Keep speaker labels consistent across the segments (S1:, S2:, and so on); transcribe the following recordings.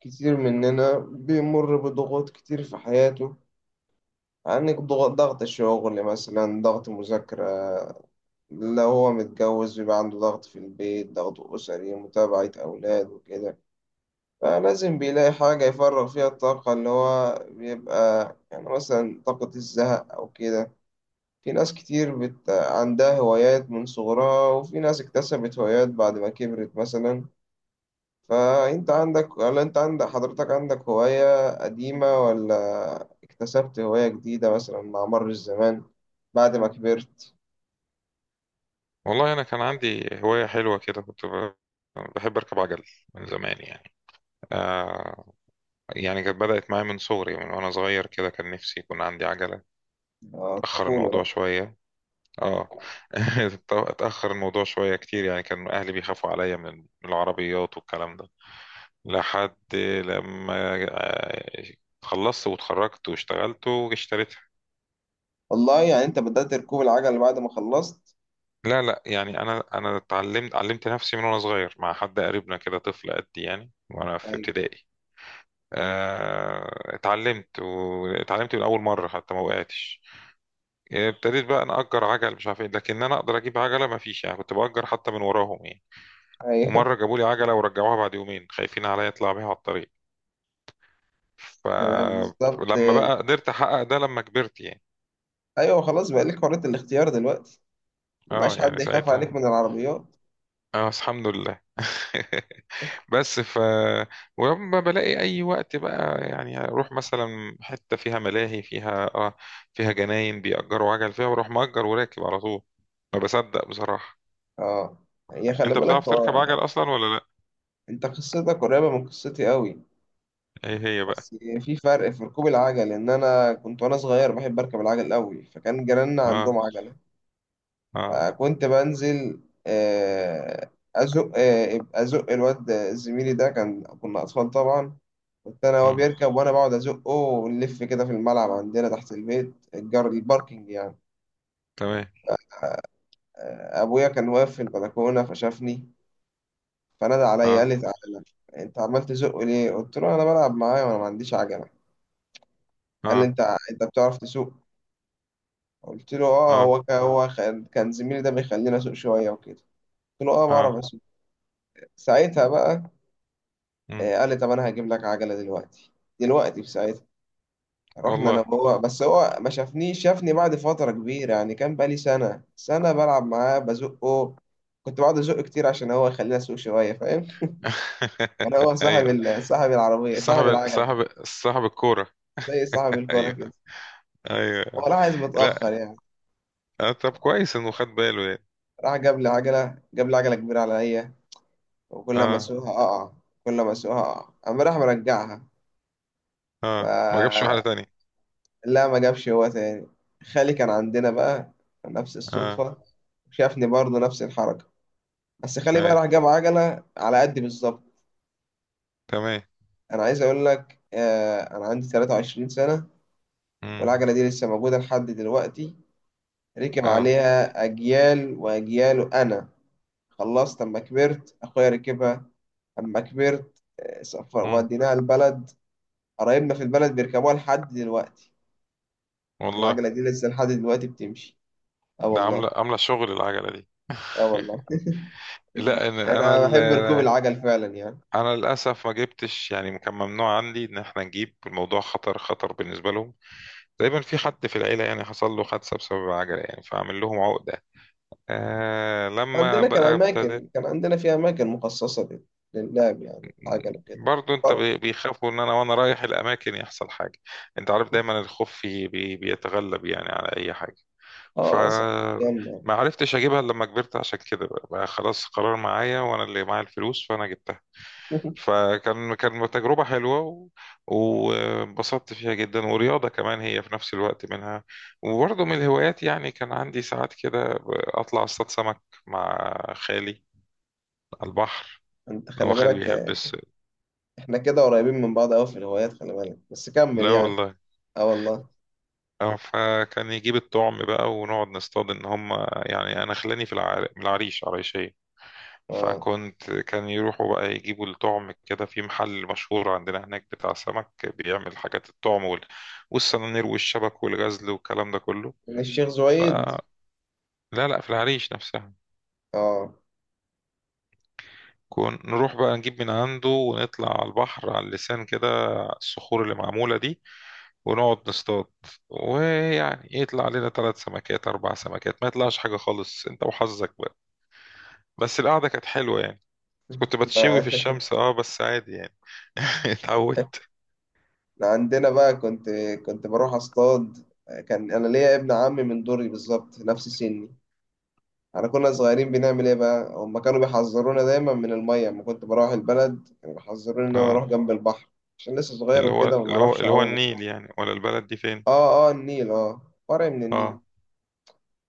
S1: كتير مننا بيمر بضغوط كتير في حياته. عندك ضغط، ضغط الشغل مثلا، ضغط مذاكرة. لو هو متجوز بيبقى عنده ضغط في البيت، ضغط أسري، متابعة أولاد وكده. فلازم بيلاقي حاجة يفرغ فيها الطاقة اللي هو بيبقى يعني مثلا طاقة الزهق أو كده. في ناس كتير عندها هوايات من صغرها، وفي ناس اكتسبت هوايات بعد ما كبرت مثلا. فانت عندك ولا انت عندك، حضرتك عندك هواية قديمة، ولا اكتسبت هواية جديدة مثلا مع مر الزمان بعد ما كبرت؟
S2: والله أنا كان عندي هواية حلوة كده كنت بحب أركب عجل من زمان آه يعني. كانت بدأت معايا من صغري من وأنا صغير كده كان نفسي يكون عندي عجلة. أتأخر
S1: طفولة
S2: الموضوع
S1: بقى.
S2: شوية. اه. اتأخر الموضوع شوية كتير يعني كان أهلي بيخافوا عليا من العربيات والكلام ده لحد لما خلصت واتخرجت واشتغلت واشتريتها.
S1: والله يعني انت بدأت ركوب العجل بعد ما خلصت؟
S2: لا لا يعني انا علمت نفسي من وانا صغير مع حد قريبنا كده طفل قدي يعني وانا في
S1: ايوه.
S2: ابتدائي. اتعلمت واتعلمت من اول مره حتى ما وقعتش. يعني ابتديت بقى نأجر عجل مش عارف ايه لكن انا اقدر اجيب عجله ما فيش، يعني كنت بأجر حتى من وراهم يعني.
S1: ايوه.
S2: ومره جابوا لي عجله ورجعوها بعد يومين خايفين عليا اطلع بيها على الطريق.
S1: بالظبط.
S2: فلما بقى قدرت احقق ده لما كبرت يعني.
S1: ايوه خلاص بقى لك حرية الاختيار دلوقتي.
S2: اه
S1: مبقاش
S2: يعني
S1: حد يخاف عليك
S2: ساعتها.
S1: من العربيات.
S2: اه بس الحمد لله. بس ف ولما بلاقي اي وقت بقى يعني اروح مثلا حته فيها ملاهي فيها جناين بيأجروا عجل فيها واروح مأجر وراكب على طول. ما بصدق بصراحه.
S1: اه. هي خلي
S2: انت
S1: بالك،
S2: بتعرف تركب
S1: هو
S2: عجل اصلا ولا لا؟
S1: انت قصتك قريبة من قصتي قوي.
S2: ايه هي بقى.
S1: بس في فرق في ركوب العجل، ان انا كنت وانا صغير بحب اركب العجل قوي، فكان جيراننا
S2: اه.
S1: عندهم عجله.
S2: اه.
S1: فكنت بنزل آه، ازق، ازق الواد زميلي ده، كنا اطفال طبعا. كنت انا وهو
S2: مم.
S1: بيركب وانا بقعد ازقه، ونلف كده في الملعب عندنا تحت البيت، الجار، الباركينج يعني.
S2: تمام.
S1: ابويا كان واقف في البلكونه فشافني، فنادى عليا قال
S2: اه.
S1: لي تعالى، انت عمال تزق ليه؟ قلت له انا بلعب معاه وانا ما عنديش عجله. قال لي
S2: اه.
S1: انت بتعرف تسوق؟ قلت له اه،
S2: اه.
S1: هو كان هو كان كان زميلي ده بيخليني اسوق شويه وكده. قلت له اه بعرف
S2: اه.
S1: اسوق. ساعتها بقى
S2: مم.
S1: قال لي طب انا هجيب لك عجله دلوقتي، دلوقتي في ساعتها. رحنا انا
S2: والله.
S1: وهو، بس هو ما شافنيش، شافني بعد فتره كبيره يعني، كان بقالي سنه بلعب معاه بزقه. كنت بقعد ازقه كتير عشان هو يخليني اسوق شويه، فاهم؟ كان هو صاحب
S2: ايوه.
S1: صاحب العربيه، صاحب
S2: صاحب
S1: العجله يعني،
S2: صاحب صاحب الكوره.
S1: زي صاحب الكوره
S2: ايوه.
S1: كده. هو
S2: ايوه.
S1: راح عايز متاخر
S2: لا.
S1: يعني،
S2: آه، طب كويس انه خد باله يعني.
S1: راح جاب لي عجله، جاب لي عجله كبيره عليا، وكل ما
S2: اه.
S1: اسوقها اقع، كل ما اسوقها اقع، اما راح مرجعها
S2: اه ما جابش واحده
S1: فلا،
S2: تانية.
S1: ما جابش هو تاني. خالي كان عندنا بقى، نفس
S2: اه.
S1: الصدفة، شافني برضه نفس الحركة، بس خالي بقى
S2: اي.
S1: راح جاب عجلة على قدي بالظبط.
S2: تمام.
S1: أنا عايز أقول لك، أنا عندي 23 سنة،
S2: امم.
S1: والعجلة دي لسه موجودة لحد دلوقتي، ركب
S2: اه.
S1: عليها أجيال وأجيال. أنا خلصت أما كبرت أخويا ركبها، أما كبرت سفر
S2: امم.
S1: وديناها البلد، قرايبنا في البلد بيركبوها لحد دلوقتي.
S2: والله.
S1: العجلة دي لسه لحد دلوقتي بتمشي. اه
S2: ده
S1: والله.
S2: عامله شغل العجله دي.
S1: اه والله.
S2: لا
S1: انا بحب ركوب العجل فعلا يعني.
S2: انا للاسف ما جبتش، يعني كان ممنوع عندي ان احنا نجيب، الموضوع خطر بالنسبه لهم. دايما في حد في العيله يعني حصل له حادثه بسبب العجله يعني فعامل لهم عقده. آه لما
S1: عندنا كان
S2: بقى ابتديت.
S1: اماكن، كان عندنا في اماكن مخصصة للعب يعني، العجل وكده.
S2: برضو انت
S1: فرق.
S2: بيخافوا ان انا وانا رايح الاماكن يحصل حاجه. انت عارف دايما الخوف في- بي بيتغلب يعني على اي حاجه.
S1: اه صح.
S2: فما
S1: كمل.
S2: عرفتش اجيبها الا لما كبرت عشان كده بقى خلاص قرار معايا وانا اللي معايا الفلوس فانا جبتها. كان تجربة حلوة وانبسطت فيها جدا ورياضة كمان هي في نفس الوقت منها. وبرضه من الهوايات، يعني كان عندي ساعات كده أطلع أصطاد سمك مع خالي على البحر.
S1: انت
S2: هو
S1: خلي
S2: خالي
S1: بالك
S2: بيحب
S1: احنا كده قريبين من بعض قوي في الهوايات، خلي بالك بس كمل
S2: لا
S1: يعني.
S2: والله.
S1: اه والله.
S2: اه فكان يجيب الطعم بقى ونقعد نصطاد ان هم. يعني انا خلاني من العريش عريشية.
S1: اه.
S2: فكنت كان يروحوا بقى يجيبوا الطعم كده في محل مشهور عندنا هناك بتاع سمك بيعمل حاجات، الطعم والسنانير والشبك والغزل والكلام ده كله.
S1: من الشيخ زويد.
S2: فلا لا لا، في العريش نفسها.
S1: اه.
S2: كون نروح بقى نجيب من عنده ونطلع على البحر، على اللسان كده، الصخور اللي معمولة دي، ونقعد نصطاد. ويعني يطلع لنا 3 سمكات 4 سمكات، ما يطلعش حاجة خالص، أنت وحظك بقى. بس القعدة كانت حلوة يعني. كنت بتشوي في
S1: ده-
S2: الشمس اه بس عادي يعني.
S1: ده
S2: اتعودت.
S1: عندنا بقى كنت بروح اصطاد. كان انا ليا ابن عمي من دوري بالظبط نفس سني. احنا كنا صغيرين، بنعمل ايه بقى؟ هم كانوا بيحذرونا دايما من الميه، لما كنت بروح البلد كانوا بيحذروني ان انا اروح
S2: اه.
S1: جنب البحر عشان لسه صغير
S2: اللي هو
S1: وكده وما
S2: اللي هو
S1: اعرفش
S2: اللي هو
S1: اعوم وكده.
S2: النيل، يعني ولا البلد دي فين؟
S1: اه اه، النيل، اه فرع من النيل.
S2: اه.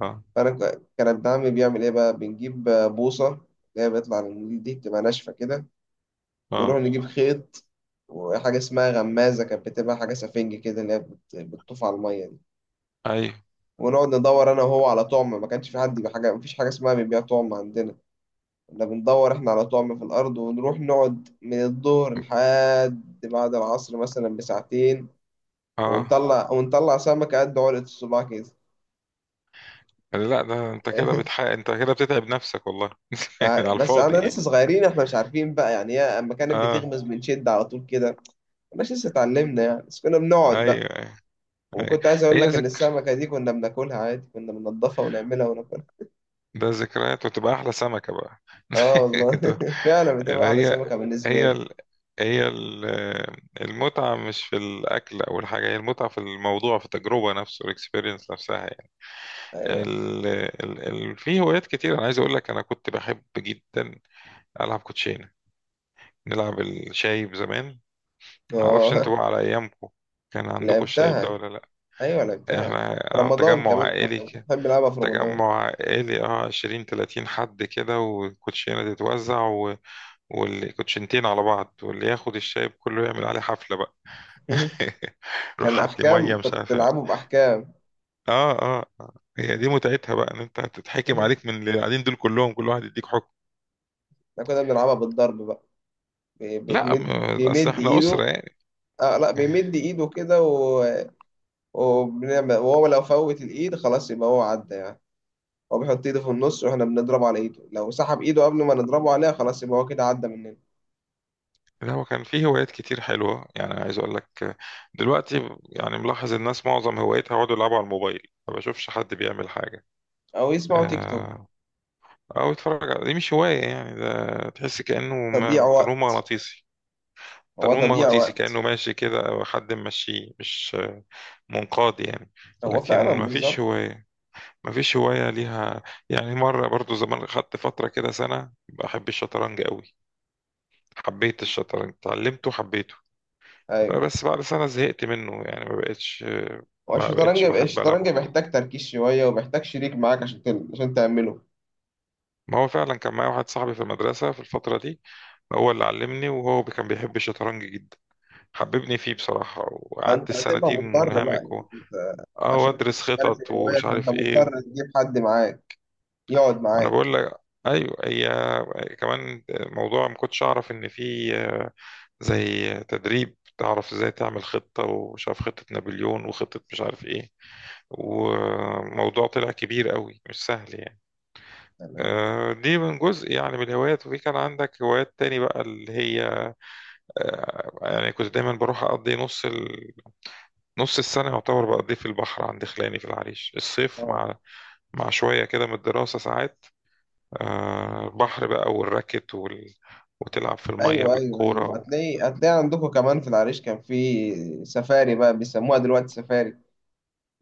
S2: اه.
S1: فانا كان ابن عمي بيعمل ايه بقى، بنجيب بوصه، اللي هي بيطلع من النيل دي، بتبقى ناشفه كده، ونروح
S2: اه.
S1: نجيب خيط وحاجه اسمها غمازه، كانت بتبقى حاجه سفنج كده، اللي هي بتطوف على الميه دي.
S2: ايوه.
S1: ونقعد ندور انا وهو على طعم، ما كانش في حد بحاجه، مفيش حاجه اسمها بيبيع طعم عندنا. كنا بندور احنا على طعم في الأرض، ونروح نقعد من الظهر لحد بعد العصر مثلا بساعتين،
S2: اه.
S1: ونطلع، ونطلع سمكة قد علقة الصباع كده.
S2: لا ده انت كده بتتعب نفسك والله. على
S1: بس
S2: الفاضي
S1: انا لسه
S2: يعني.
S1: صغيرين احنا، مش عارفين بقى يعني، هي اما كانت
S2: اه.
S1: بتغمز بنشد على طول كده، مش لسه اتعلمنا يعني، بس كنا بنقعد
S2: ايوه.
S1: بقى.
S2: ايوه. ايوه.
S1: وكنت عايز اقول
S2: هي
S1: لك ان
S2: ذكر،
S1: السمكة دي كنا بناكلها عادي، كنا بننضفها ونعملها وناكلها.
S2: ده ذكريات وتبقى احلى سمكة بقى.
S1: اه والله،
S2: ده-
S1: فعلا
S2: اللي
S1: بتبقى احلى
S2: هي،
S1: سمكة بالنسبة
S2: هي
S1: لي.
S2: ال... هي ال- المتعة مش في الأكل أو الحاجة، هي المتعة في الموضوع، في التجربة نفسه، الإكسبيرينس نفسها يعني.
S1: ايوه.
S2: ال... ال... في هوايات كتير أنا عايز أقول لك. أنا كنت بحب جدا ألعب كوتشينة. نلعب الشايب زمان. معرفش
S1: اه
S2: انتوا بقى على أيامكم كان عندكم الشايب ده
S1: لعبتها.
S2: ولا لأ؟
S1: ايوه لعبتها.
S2: احنا
S1: في
S2: اه
S1: رمضان
S2: تجمع
S1: كمان
S2: عائلي
S1: كنا
S2: كده.
S1: بنحب نلعبها في رمضان.
S2: تجمع عائلي اه، 20 30 حد كده والكوتشينة تتوزع والكوتشينتين على بعض واللي ياخد الشايب كله يعمل عليه حفلة بقى. روح
S1: كان
S2: حط لي مية
S1: احكام،
S2: مش
S1: كنت
S2: عارف ايه.
S1: بتلعبه باحكام.
S2: اه اه آه. هي دي متعتها بقى، ان انت هتتحكم
S1: احنا
S2: عليك من اللي قاعدين دول كلهم، كل واحد يديك حكم.
S1: كنا بنلعبها بالضرب بقى.
S2: لا
S1: بيتمد،
S2: اصل
S1: بيمد
S2: احنا أسرة
S1: ايده.
S2: يعني.
S1: اه لا، بيمد ايده كده و... وبنعمل، وهو لو فوت الايد خلاص يبقى هو عدى يعني. هو بيحط ايده في النص، واحنا بنضربه على ايده، لو سحب ايده قبل ما نضربه عليها خلاص يبقى هو كده عدى مننا.
S2: لا هو كان فيه هوايات كتير حلوة يعني، عايز أقول لك. دلوقتي يعني ملاحظ الناس معظم هوايتها يقعدوا يلعبوا على الموبايل، ما بشوفش حد بيعمل حاجة.
S1: او يسمعوا تيك توك.
S2: آه، أو يتفرج على دي، مش هواية يعني، ده تحس كأنه
S1: تضييع
S2: تنويم
S1: وقت،
S2: مغناطيسي.
S1: هو
S2: تنويم
S1: تضييع
S2: مغناطيسي كأنه
S1: وقت.
S2: ماشي كده أو حد ممشيه، مش منقاد يعني.
S1: هو
S2: لكن
S1: فعلا
S2: ما فيش
S1: بالظبط.
S2: هواية. ما فيش هواية ليها. يعني مرة برضو زمان خدت فترة كده سنة بحب الشطرنج قوي. حبيت الشطرنج اتعلمته حبيته.
S1: ايوه.
S2: بس بعد سنة زهقت منه يعني ما بقتش.
S1: هو
S2: ما
S1: الشطرنج،
S2: بقتش بحب ألعبه كتير.
S1: بيحتاج تركيز شوية، وبيحتاج شريك معاك عشان عشان تعمله.
S2: ما هو فعلا كان معايا واحد صاحبي في المدرسة في الفترة دي، هو اللي علمني وهو كان بيحب الشطرنج جدا، حببني فيه بصراحة وقعدت
S1: فأنت
S2: السنة
S1: هتبقى
S2: دي
S1: مضطر بقى
S2: منهمك
S1: يعني، أنت
S2: اه
S1: عشان
S2: وأدرس
S1: تمارس
S2: خطط
S1: الهواية
S2: ومش
S1: فأنت
S2: عارف ايه.
S1: مضطر تجيب حد معاك، يقعد
S2: وأنا
S1: معاك.
S2: بقول لك أيوة، هي كمان موضوع ما كنتش أعرف إن في زي تدريب تعرف ازاي تعمل خطة، ومش عارف خطة نابليون وخطة مش عارف ايه، وموضوع طلع كبير قوي مش سهل يعني.
S1: أنا...
S2: دي من جزء يعني من الهوايات. وفي كان عندك هوايات تاني بقى اللي هي يعني كنت دايما بروح أقضي نص السنة يعتبر بقضيه في البحر عند خلاني في العريش الصيف،
S1: آه.
S2: مع مع شوية كده من الدراسة ساعات. البحر بقى والراكت وتلعب في المية
S1: أيوه أيوه
S2: بالكورة
S1: أيوه، هتلاقي عندكم كمان في العريش كان في سفاري، بقى بيسموها دلوقتي سفاري،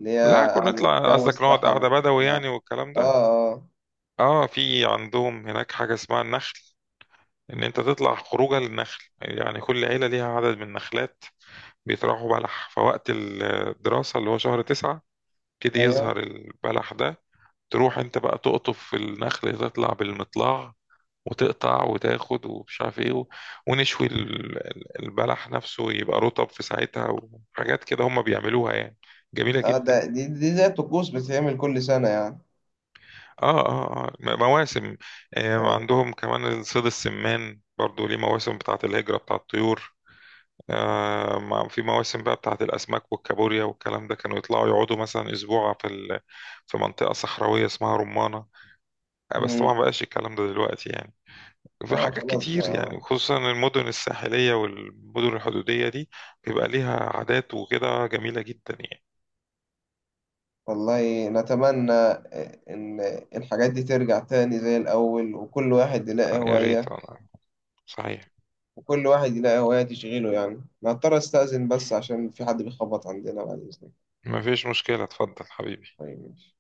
S1: اللي
S2: لا
S1: هي
S2: كنا
S1: قعدت
S2: نطلع،
S1: جو
S2: قصدك نقعد
S1: الصحراء
S2: قعدة بدوي
S1: وبتاع.
S2: يعني والكلام
S1: آه.
S2: ده.
S1: آه.
S2: اه في عندهم هناك حاجة اسمها النخل. ان انت تطلع خروجه للنخل، يعني كل عيلة ليها عدد من النخلات. بيطرحوا بلح فوقت الدراسة اللي هو شهر 9 يبتدي
S1: أيوه.
S2: يظهر البلح ده. تروح انت بقى تقطف في النخل، تطلع بالمطلع وتقطع وتاخد ومش عارف ايه ونشوي البلح نفسه يبقى رطب في ساعتها. وحاجات كده هم بيعملوها يعني جميلة
S1: آه ده
S2: جدا.
S1: دي زي الطقوس، بتتعمل كل سنة يعني.
S2: اه اه اه مواسم. آه
S1: أيوه.
S2: عندهم كمان صيد السمان برضو ليه مواسم بتاعة الهجرة بتاع الطيور. في مواسم بقى بتاعت الأسماك والكابوريا والكلام ده، كانوا يطلعوا يقعدوا مثلا أسبوع في منطقة صحراوية اسمها رمانة. بس
S1: مم.
S2: طبعا مبقاش الكلام ده دلوقتي يعني. في
S1: آه
S2: حاجات
S1: خلاص
S2: كتير يعني،
S1: بقى.
S2: خصوصا المدن الساحلية والمدن الحدودية دي بيبقى ليها عادات وكده جميلة جدا يعني.
S1: والله نتمنى إن الحاجات دي ترجع تاني زي الأول، وكل واحد يلاقي
S2: آه، يا ريت
S1: هواية،
S2: والله. صحيح.
S1: وكل واحد يلاقي هواية تشغيله يعني. أنا هضطر أستأذن بس، عشان في حد بيخبط عندنا، بعد إذنك.
S2: ما فيش مشكلة، اتفضل حبيبي.
S1: طيب ماشي.